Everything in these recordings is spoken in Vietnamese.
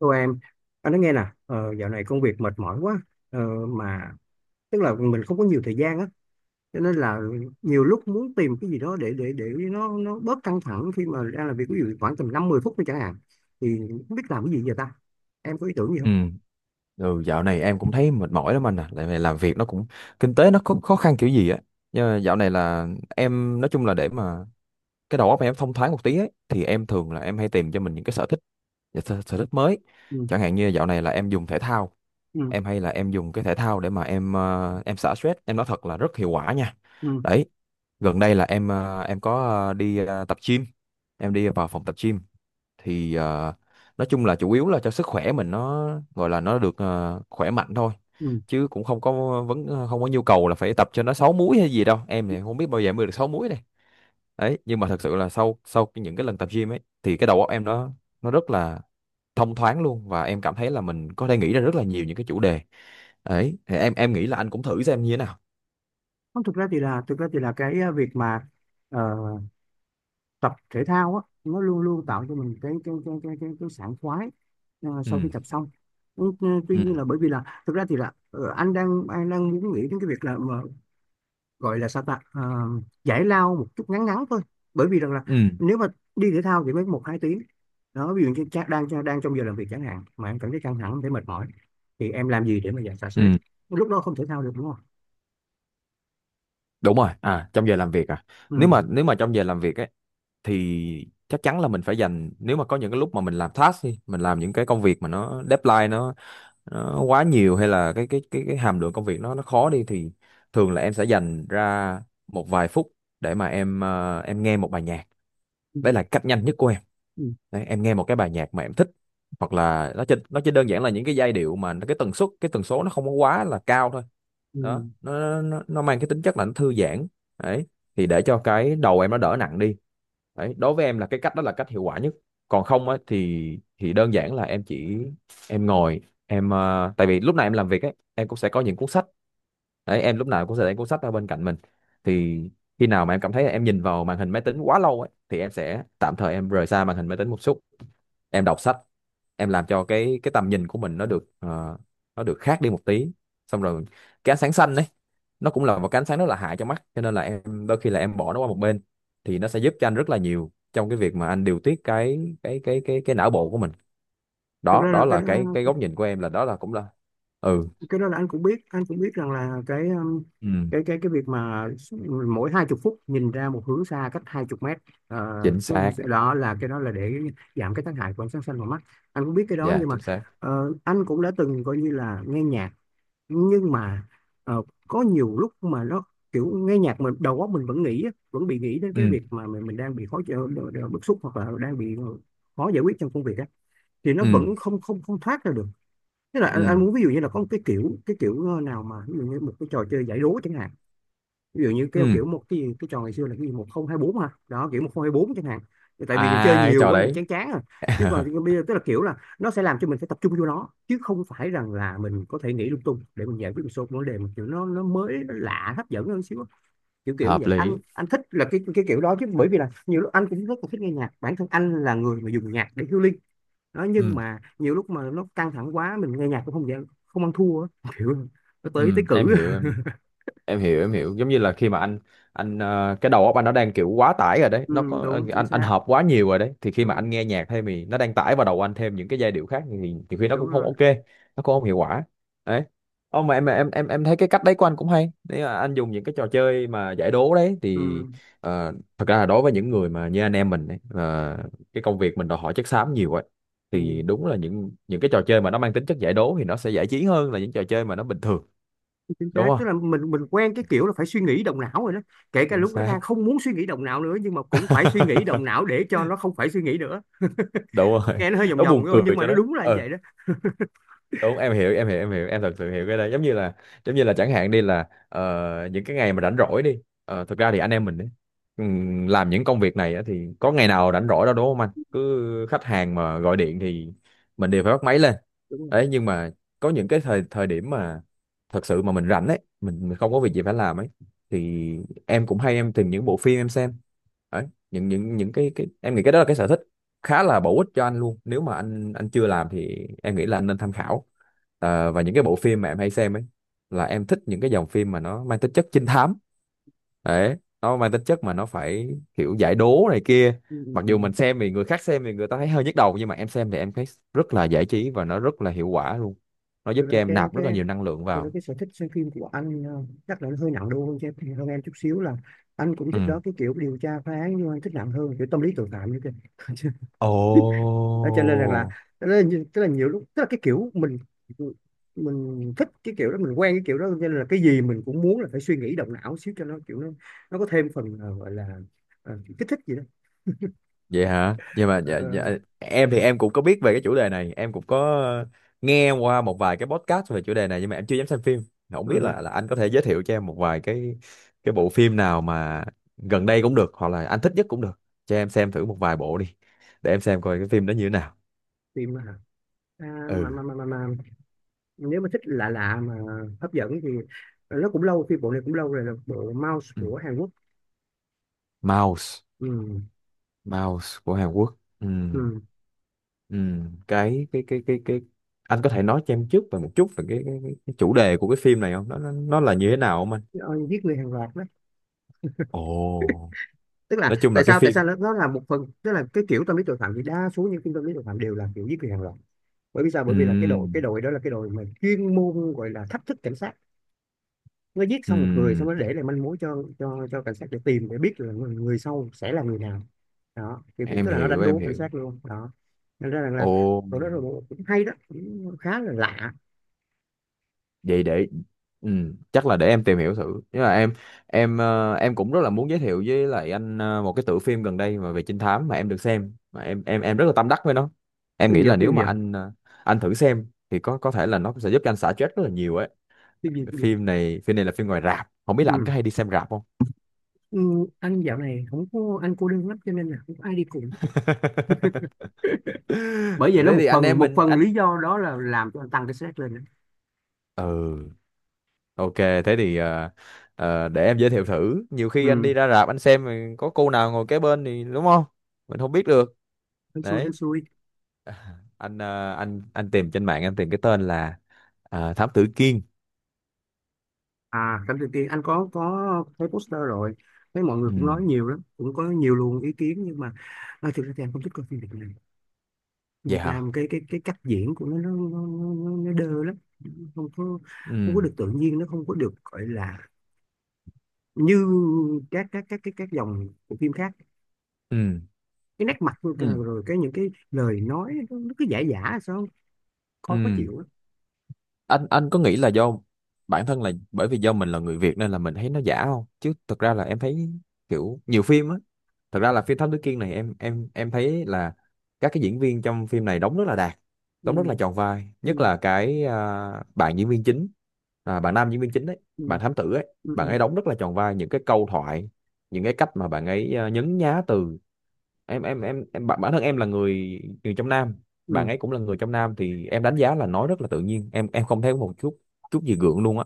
Cô em, anh nói nghe nè, dạo này công việc mệt mỏi quá, ờ, mà tức là mình không có nhiều thời gian á, cho nên là nhiều lúc muốn tìm cái gì đó để nó bớt căng thẳng khi mà đang làm việc, ví dụ khoảng tầm 5-10 phút thôi chẳng hạn, thì không biết làm cái gì giờ ta? Em có ý tưởng gì Ừ. không? Ừ, dạo này em cũng thấy mệt mỏi lắm anh à, tại vì làm việc nó cũng kinh tế nó khó, khó khăn kiểu gì á. Nhưng mà dạo này là em nói chung là để mà cái đầu óc em thông thoáng một tí ấy, thì em thường là em hay tìm cho mình những cái sở thích mới. Ừ, Chẳng hạn như dạo này là em dùng thể thao, ừ, em hay là em dùng cái thể thao để mà em xả stress. Em nói thật là rất hiệu quả nha. ừ, Đấy, gần đây là em có đi tập gym, em đi vào phòng tập gym thì nói chung là chủ yếu là cho sức khỏe mình, nó gọi là nó được khỏe mạnh thôi, ừ. chứ cũng không có không có nhu cầu là phải tập cho nó sáu múi hay gì đâu. Em thì không biết bao giờ em mới được sáu múi này. Đấy, nhưng mà thật sự là sau sau cái- những cái lần tập gym ấy thì cái đầu óc em nó rất là thông thoáng luôn, và em cảm thấy là mình có thể nghĩ ra rất là nhiều những cái chủ đề. Ấy thì em nghĩ là anh cũng thử xem như thế nào. Không, thực ra thì là cái việc mà ờ, tập thể thao á nó luôn luôn Ừ. tạo cho mình cái sảng khoái sau khi Ừ. tập xong. Ừ, ừ, tuy nhiên là Ừ. bởi vì là thực ra thì là anh đang muốn nghĩ đến cái việc là mà gọi là sao ta. Ờ, Giải lao một chút ngắn ngắn thôi, bởi vì rằng là Ừ. nếu mà đi thể thao thì mới 1-2 tiếng đó, ví dụ như đang trong giờ làm việc chẳng hạn mà em cảm thấy căng thẳng thấy mệt mỏi, thì em làm gì để mà giải xả Ừ. stress lúc đó, không thể thao được đúng không? Đúng rồi à, trong giờ làm việc à? nếu Ừ. mà nếu mà trong giờ làm việc ấy thì chắc chắn là mình phải dành, nếu mà có những cái lúc mà mình làm task đi, mình làm những cái công việc mà nó deadline nó quá nhiều, hay là cái hàm lượng công việc nó khó đi, thì thường là em sẽ dành ra một vài phút để mà em nghe một bài nhạc. Ừ. Đấy là cách nhanh nhất của em. Ừ. Đấy, em nghe một cái bài nhạc mà em thích, hoặc là nó chỉ đơn giản là những cái giai điệu mà cái tần suất, cái tần số nó không có quá là cao thôi. Ừ. Đó, nó mang cái tính chất là nó thư giãn. Đấy, thì để cho cái đầu em nó đỡ nặng đi. Đấy, đối với em là cái cách đó là cách hiệu quả nhất. Còn không á thì đơn giản là em chỉ em ngồi, tại vì lúc này em làm việc ấy, em cũng sẽ có những cuốn sách. Đấy, em lúc nào cũng sẽ để cuốn sách ở bên cạnh mình. Thì khi nào mà em cảm thấy là em nhìn vào màn hình máy tính quá lâu ấy, thì em sẽ tạm thời em rời xa màn hình máy tính một chút, em đọc sách. Em làm cho cái tầm nhìn của mình nó được khác đi một tí. Xong rồi cái ánh sáng xanh đấy, nó cũng là một cái ánh sáng rất là hại cho mắt, cho nên là em đôi khi là em bỏ nó qua một bên, thì nó sẽ giúp cho anh rất là nhiều trong cái việc mà anh điều tiết cái não bộ của mình. Thực Đó, ra là cái là đó cái góc nhìn của em, là đó là cũng là... Ừ. cái đó là anh cũng biết rằng là cái um, Ừ. cái cái cái việc mà mỗi 20 phút nhìn ra một hướng xa cách 20 mét, ờ, Chính xác. cái đó là để giảm cái tác hại của ánh sáng xanh vào mắt, anh cũng biết cái đó. Dạ Nhưng mà chính xác. Anh cũng đã từng coi như là nghe nhạc, nhưng mà ờ, có nhiều lúc mà nó kiểu nghe nhạc mình đầu óc mình vẫn nghĩ á, vẫn bị nghĩ đến Ừ. cái việc mà mình đang bị khó chịu, bức xúc, hoặc là đang bị khó giải quyết trong công việc á, thì nó Ừ. vẫn không không không thoát ra được. Thế là anh, Ừ. anh muốn ví dụ như là có một cái kiểu, cái kiểu nào mà ví dụ như một cái trò chơi giải đố chẳng hạn, ví dụ như cái Ừ. kiểu cái trò ngày xưa là cái gì 1024 ha đó, kiểu 1024 chẳng hạn. Thì tại À, vì mình chơi cái nhiều trò quá mình đấy. chán chán rồi, chứ còn thì bây giờ tức là kiểu là nó sẽ làm cho mình phải tập trung vô nó, chứ không phải rằng là mình có thể nghĩ lung tung để mình giải quyết một số vấn đề mà kiểu nó mới nó lạ hấp dẫn hơn xíu á. Kiểu kiểu như Hợp vậy, lý. anh thích là cái kiểu đó, chứ bởi vì là nhiều lúc anh cũng rất là thích nghe nhạc, bản thân anh là người mà dùng nhạc để healing đó, nhưng Ừ. mà nhiều lúc mà nó căng thẳng quá mình nghe nhạc cũng không dễ, không ăn thua á. Kiểu nó Ừ. tới tới Em cử. hiểu em, em hiểu. Giống như là khi mà anh cái đầu óc anh nó đang kiểu quá tải rồi đấy, Ừ, nó có ờ, đúng, chính anh anh xác. hợp quá nhiều rồi đấy, thì khi mà Đúng. anh nghe nhạc thêm thì nó đang tải vào đầu anh thêm những cái giai điệu khác, thì nhiều khi nó Đúng cũng không rồi. ok, nó cũng không hiệu quả. Đấy. Ô, mà em thấy cái cách đấy của anh cũng hay, nếu mà anh dùng những cái trò chơi mà giải đố đấy Ừ, thì... Thật ra là đối với những người mà như anh em mình ấy, cái công việc mình đòi hỏi chất xám nhiều ấy, thì ừ, đúng là những cái trò chơi mà nó mang tính chất giải đố thì nó sẽ giải trí hơn là những trò chơi mà nó bình thường. chính Đúng xác. Tức không? là mình quen cái kiểu là phải suy nghĩ động não rồi đó, kể cả Chính lúc đó đang xác. không muốn suy nghĩ động não nữa nhưng mà cũng phải suy nghĩ động não để cho nó không phải suy nghĩ nữa. Đúng rồi. Nghe nó hơi vòng Nó vòng buồn thôi nhưng cười mà cho nó đấy. đúng là như Ừ, vậy đó. đúng. Em hiểu, em hiểu, em hiểu, em thật sự hiểu cái đó. Giống như là chẳng hạn đi là, những cái ngày mà rảnh rỗi đi, thực ra thì anh em mình ấy, làm những công việc này á, thì có ngày nào rảnh rỗi đâu, đúng không? Anh cứ khách hàng mà gọi điện thì mình đều phải bắt máy lên. Đúng rồi. Đấy, nhưng mà có những cái thời thời điểm mà thật sự mà mình rảnh ấy, mình không có việc gì phải làm ấy, thì em cũng hay em tìm những bộ phim em xem. Đấy, những cái em nghĩ cái đó là cái sở thích khá là bổ ích cho anh luôn, nếu mà anh chưa làm thì em nghĩ là anh nên tham khảo. Và những cái bộ phim mà em hay xem ấy, là em thích những cái dòng phim mà nó mang tính chất trinh thám. Đấy, nó mang tính chất mà nó phải kiểu giải đố này kia. Ừ, ừ, Mặc ừ. dù mình xem thì người khác xem thì người ta thấy hơi nhức đầu, nhưng mà em xem thì em thấy rất là giải trí và nó rất là hiệu quả luôn, nó Thực giúp cho ra em cái nạp cái rất là nhiều năng lượng tôi nói vào. cái sở thích xem phim của anh chắc là nó hơi nặng đô hơn cho em, hơn em chút xíu là anh cũng Ừ. thích đó cái kiểu điều tra phá án, nhưng mà anh thích nặng hơn, kiểu tâm lý tội phạm như thế. Đó, cho nên rằng là Ồ. tức là, tức là, nhiều lúc tức là cái kiểu mình thích cái kiểu đó, mình quen cái kiểu đó, cho nên là cái gì mình cũng muốn là phải suy nghĩ động não xíu cho nó kiểu nó có thêm phần gọi là kích thích gì đó. Vậy hả? Nhưng mà Ờ, dạ, dạ, ờ, em thì em cũng có biết về cái chủ đề này, em cũng có nghe qua một vài cái podcast về chủ đề này, nhưng mà em chưa dám xem phim. Không biết ừ, là anh có thể giới thiệu cho em một vài cái bộ phim nào mà gần đây cũng được, hoặc là anh thích nhất cũng được, cho em xem thử một vài bộ đi, để em xem coi cái phim đó như thế nào. phim hả? À, Ừ. Mà nếu mà thích lạ lạ mà hấp dẫn thì nó cũng lâu, phim bộ này cũng lâu rồi, là bộ Mouse Ừ. của Hàn Quốc. Mouse. Ừ. Mouse của Hàn Quốc. Ừ. Ừ. Ừ. Cái Anh có thể nói cho em trước về một chút về cái chủ đề của cái phim này không, nó là như thế nào không anh? Ờ, Giết người hàng loạt đó, Ồ. tức là Nói chung là tại cái sao tại phim. sao nó là một phần, tức là cái kiểu tâm lý tội phạm thì đa số những phim tâm lý tội phạm đều là kiểu giết người hàng loạt. Bởi vì sao? Bởi vì là cái đội cái Ừm. đội đó là cái đội mà chuyên môn gọi là thách thức cảnh sát. Nó giết xong một người xong Ừm. nó để lại manh mối cho cảnh sát để tìm, để biết là người sau sẽ là người nào. Đó, kiểu kiểu Em tức là nó hiểu, đánh em đố cảnh hiểu. sát luôn đó, nên ra rằng là Ồ, rồi đó, rồi cũng hay đó, cũng khá là lạ. vậy để... chắc là để em tìm hiểu thử, nhưng mà em cũng rất là muốn giới thiệu với lại anh một cái tựa phim gần đây mà về trinh thám mà em được xem, mà em rất là tâm đắc với nó. Em phim nghĩ giờ là nếu phim mà giờ anh thử xem thì có thể là nó sẽ giúp cho anh xả stress rất là nhiều ấy. phim gì cũng được. Phim này là phim ngoài rạp, không biết là anh có Ừ. hay đi xem rạp không? Ừ. Anh dạo này không có, anh cô đơn lắm cho nên là không có ai đi cùng. Bởi vậy nó Thế một thì anh phần em một mình phần anh... lý do đó là làm cho anh tăng cái stress lên đó. Ừ. Ok, thế thì để em giới thiệu thử. Nhiều khi anh đi Ừ, ra rạp anh xem thì có cô nào ngồi kế bên thì đúng không? Mình không biết được. hên xui hên Đấy. xui. À, anh tìm trên mạng, anh tìm cái tên là Thám Tử Kiên. À, cảnh tự tiên, anh có thấy poster rồi, thấy mọi người cũng Ừ, nói nhiều lắm, cũng có nhiều luồng ý kiến nhưng mà à, thực ra thì anh không thích coi phim Việt Nam. Phim vậy Việt hả? Nam cái cách diễn của nó đơ lắm, không có không có Ừ, được tự nhiên, nó không có được, gọi là như các dòng của phim khác. ừ, Cái nét mặt, rồi ừ, rồi cái những cái lời nói, nó cứ giả giả sao, coi khó ừ. chịu lắm. Anh có nghĩ là do bản thân là bởi vì do mình là người Việt nên là mình thấy nó giả không? Chứ thực ra là em thấy kiểu nhiều phim á, thật ra là phim Thám Tử Kiên này em, em thấy là các cái diễn viên trong phim này đóng rất là đạt, đóng rất là Ừ, tròn vai, ừ, nhất là cái à, bạn diễn viên chính, à, bạn nam diễn viên chính đấy, ừ, bạn thám tử ấy, ừ. bạn Ừ. ấy đóng rất là tròn vai những cái câu thoại, những cái cách mà bạn ấy à, nhấn nhá từ. Em bản, thân em là người, người trong Nam, Ừ. bạn ấy cũng là người trong Nam, thì em đánh giá là nói rất là tự nhiên, em không thấy một chút chút gì gượng luôn á.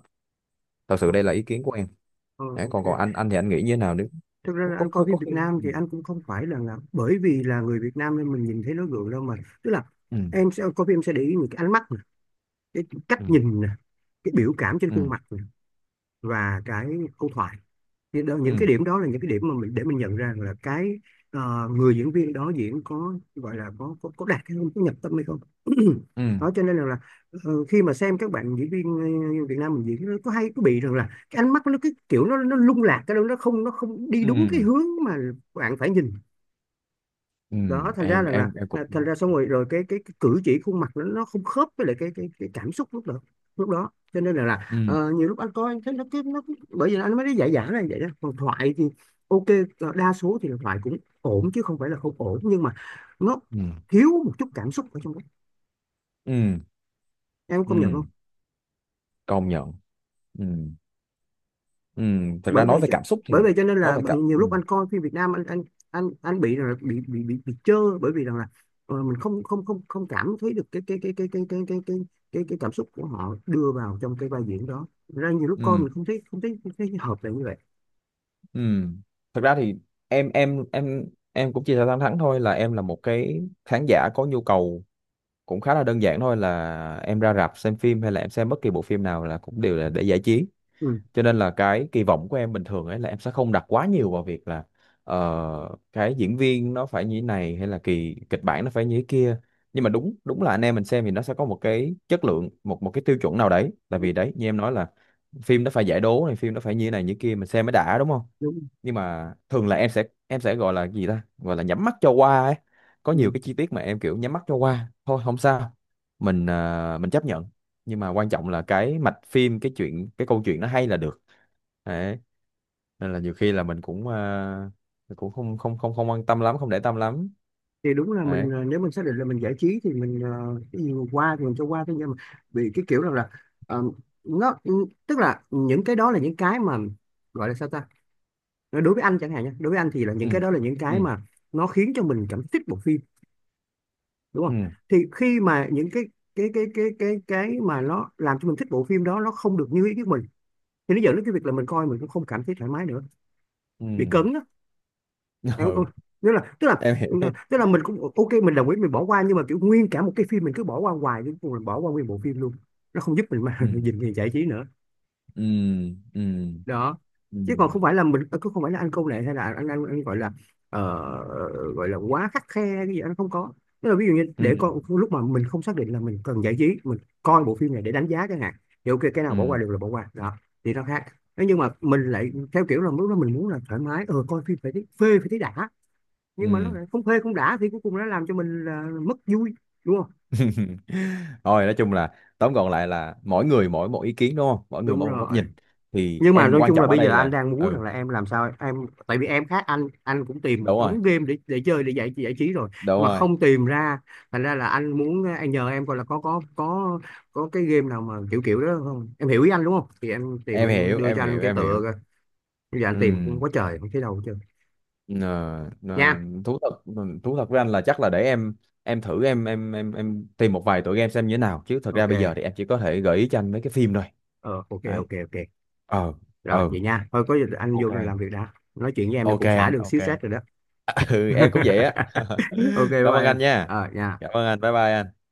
Thật sự Ok. đây là ý kiến của em. Ờ, Đấy, còn ok. còn anh thì anh nghĩ như thế nào nếu... Thực ra là anh coi có phim Việt khi... Nam Ừ. thì anh cũng không phải là bởi vì là người Việt Nam nên mình nhìn thấy nó gượng đâu mà. Tức là Ừ. em sẽ coi phim, em sẽ để ý những cái ánh mắt nè, cái cách Ừ. nhìn nè, cái biểu cảm trên Ừ. khuôn mặt nè, và cái câu thoại. Những Ừ. cái điểm đó là những cái điểm mà mình để mình nhận ra là cái người diễn viên đó diễn có, gọi là có đạt hay không, có nhập tâm hay không. Ừ. Đó, cho nên là khi mà xem các bạn diễn viên Việt Nam mình diễn, nó có hay có bị rằng là cái ánh mắt nó cái kiểu nó lung lạc, cái đó nó không đi Ừ. đúng cái hướng mà bạn phải nhìn. ừ Đó, thành ra em rằng là, em em là cũng... thành ra xong rồi rồi cái cử chỉ khuôn mặt nó không khớp với lại cái cảm xúc lúc đó cho nên là Ừ. Nhiều lúc anh coi anh thấy bởi vì anh mới nói giả giả là vậy đó. Còn thoại thì ok, đa số thì là thoại cũng ổn, chứ không phải là không ổn, nhưng mà nó Ừ. thiếu một chút cảm xúc ở trong đó, Ừ. em có Ừ. công nhận không? Công nhận. Ừ. Ừ. Thực ra bởi nói vậy về cho- cảm xúc Bởi thì... vậy cho nên là Nói về cảm... nhiều Ừ. lúc anh coi phim Việt Nam anh bị là bị chơ bởi vì rằng là mình không không không không cảm thấy được cái cảm xúc của họ đưa vào trong cái vai diễn đó, ra nhiều lúc coi Ừ. mình không thấy, không thấy hợp lại như vậy. Ừ. Thực ra thì em em cũng chia sẻ thẳng thắn thôi, là em là một cái khán giả có nhu cầu cũng khá là đơn giản thôi, là em ra rạp xem phim hay là em xem bất kỳ bộ phim nào là cũng đều là để giải trí, Ừ, cho nên là cái kỳ vọng của em bình thường ấy là em sẽ không đặt quá nhiều vào việc là cái diễn viên nó phải như thế này hay là kỳ kịch bản nó phải như thế kia. Nhưng mà đúng đúng là anh em mình xem thì nó sẽ có một cái chất lượng, một một cái tiêu chuẩn nào đấy, tại đúng, vì đấy như em nói là phim nó phải giải đố này, phim nó phải như thế này như thế kia mình xem mới đã, đúng không? đúng. Nhưng mà thường là em sẽ gọi là gì ta, gọi là nhắm mắt cho qua ấy, có nhiều Ừ. cái chi tiết mà em kiểu nhắm mắt cho qua thôi, không sao, mình chấp nhận. Nhưng mà quan trọng là cái mạch phim, cái chuyện, cái câu chuyện nó hay là được. Đấy, nên là nhiều khi là mình cũng không không không không quan tâm lắm, không để tâm lắm. Thì đúng là mình Đấy. Nếu mình xác định là mình giải trí thì mình cái gì mà qua thì mình cho qua thôi, nhưng mà bị cái kiểu rằng là ờ, nó tức là những cái đó là những cái mà gọi là sao ta, đối với anh chẳng hạn nha, đối với anh thì là Ừ. những cái đó là những cái Ừ. mà nó khiến cho mình cảm thích bộ phim, đúng Ừ. không? Thì khi mà những cái mà nó làm cho mình thích bộ phim đó nó không được như ý của mình, thì nó dẫn đến cái việc là mình coi mình cũng không cảm thấy thoải mái nữa, Ừ. bị cấn đó, em không? Ừ, Nghĩa là, tức là em hiểu. tức là mình cũng ok, mình đồng ý mình bỏ qua, nhưng mà kiểu nguyên cả một cái phim mình cứ bỏ qua hoài đến cùng mình bỏ qua nguyên bộ phim luôn, nó không giúp mình mà Ừ. nhìn gì giải trí nữa Ừ. Ừ. đó. Ừ. Chứ còn không phải là mình cứ, không phải là anh câu nệ hay là anh gọi là ờ, gọi là quá khắt khe cái gì, anh không có. Tức là ví dụ như Ừ. để con lúc mà mình không xác định là mình cần giải trí, mình coi bộ phim này để đánh giá chẳng hạn, thì ok cái nào bỏ qua Ừ. được là bỏ qua đó, thì nó khác. Thế nhưng mà mình lại theo kiểu là lúc đó mình muốn là thoải mái coi phim phải thấy phê phải thấy đã, nhưng mà nó Ừ. lại không phê không đã thì cuối cùng nó làm cho mình là mất vui, đúng không? Thôi, nói chung là tóm gọn lại là mỗi người mỗi một ý kiến, đúng không, mỗi người Đúng mỗi một góc rồi. nhìn. Thì Nhưng mà em, nói quan chung là trọng ở bây giờ đây anh là... đang muốn rằng Ừ. là em làm sao em, tại vì em khác anh cũng tìm một Đúng rồi. đống game để chơi để giải giải trí rồi, Đúng nhưng mà rồi. không tìm ra, thành ra là anh muốn, anh nhờ em coi là có cái game nào mà kiểu kiểu đó không, em hiểu ý anh đúng không? Thì em tìm Em em hiểu, đưa em cho anh hiểu, cái em tựa hiểu. coi, bây giờ anh tìm cũng Ừ. quá trời không thấy đâu hết trơn Ờ, ờ, nha. thú thật... với anh là chắc là để em thử, em tìm một vài tựa game xem như thế nào, chứ thật ra Ok, bây giờ thì em chỉ có thể gợi ý cho anh mấy cái phim thôi. ờ ok, Đấy. ok, ok. Ờ. Rồi Ờ. vậy nha, thôi có gì anh vô Ok. làm việc, đã nói chuyện với em là Ok cũng xả anh. được Ok. xíu stress rồi đó. Ừ, em cũng vậy á. Ok, bye Cảm ơn bye anh em, nha. Nha. Cảm ơn anh, bye bye anh.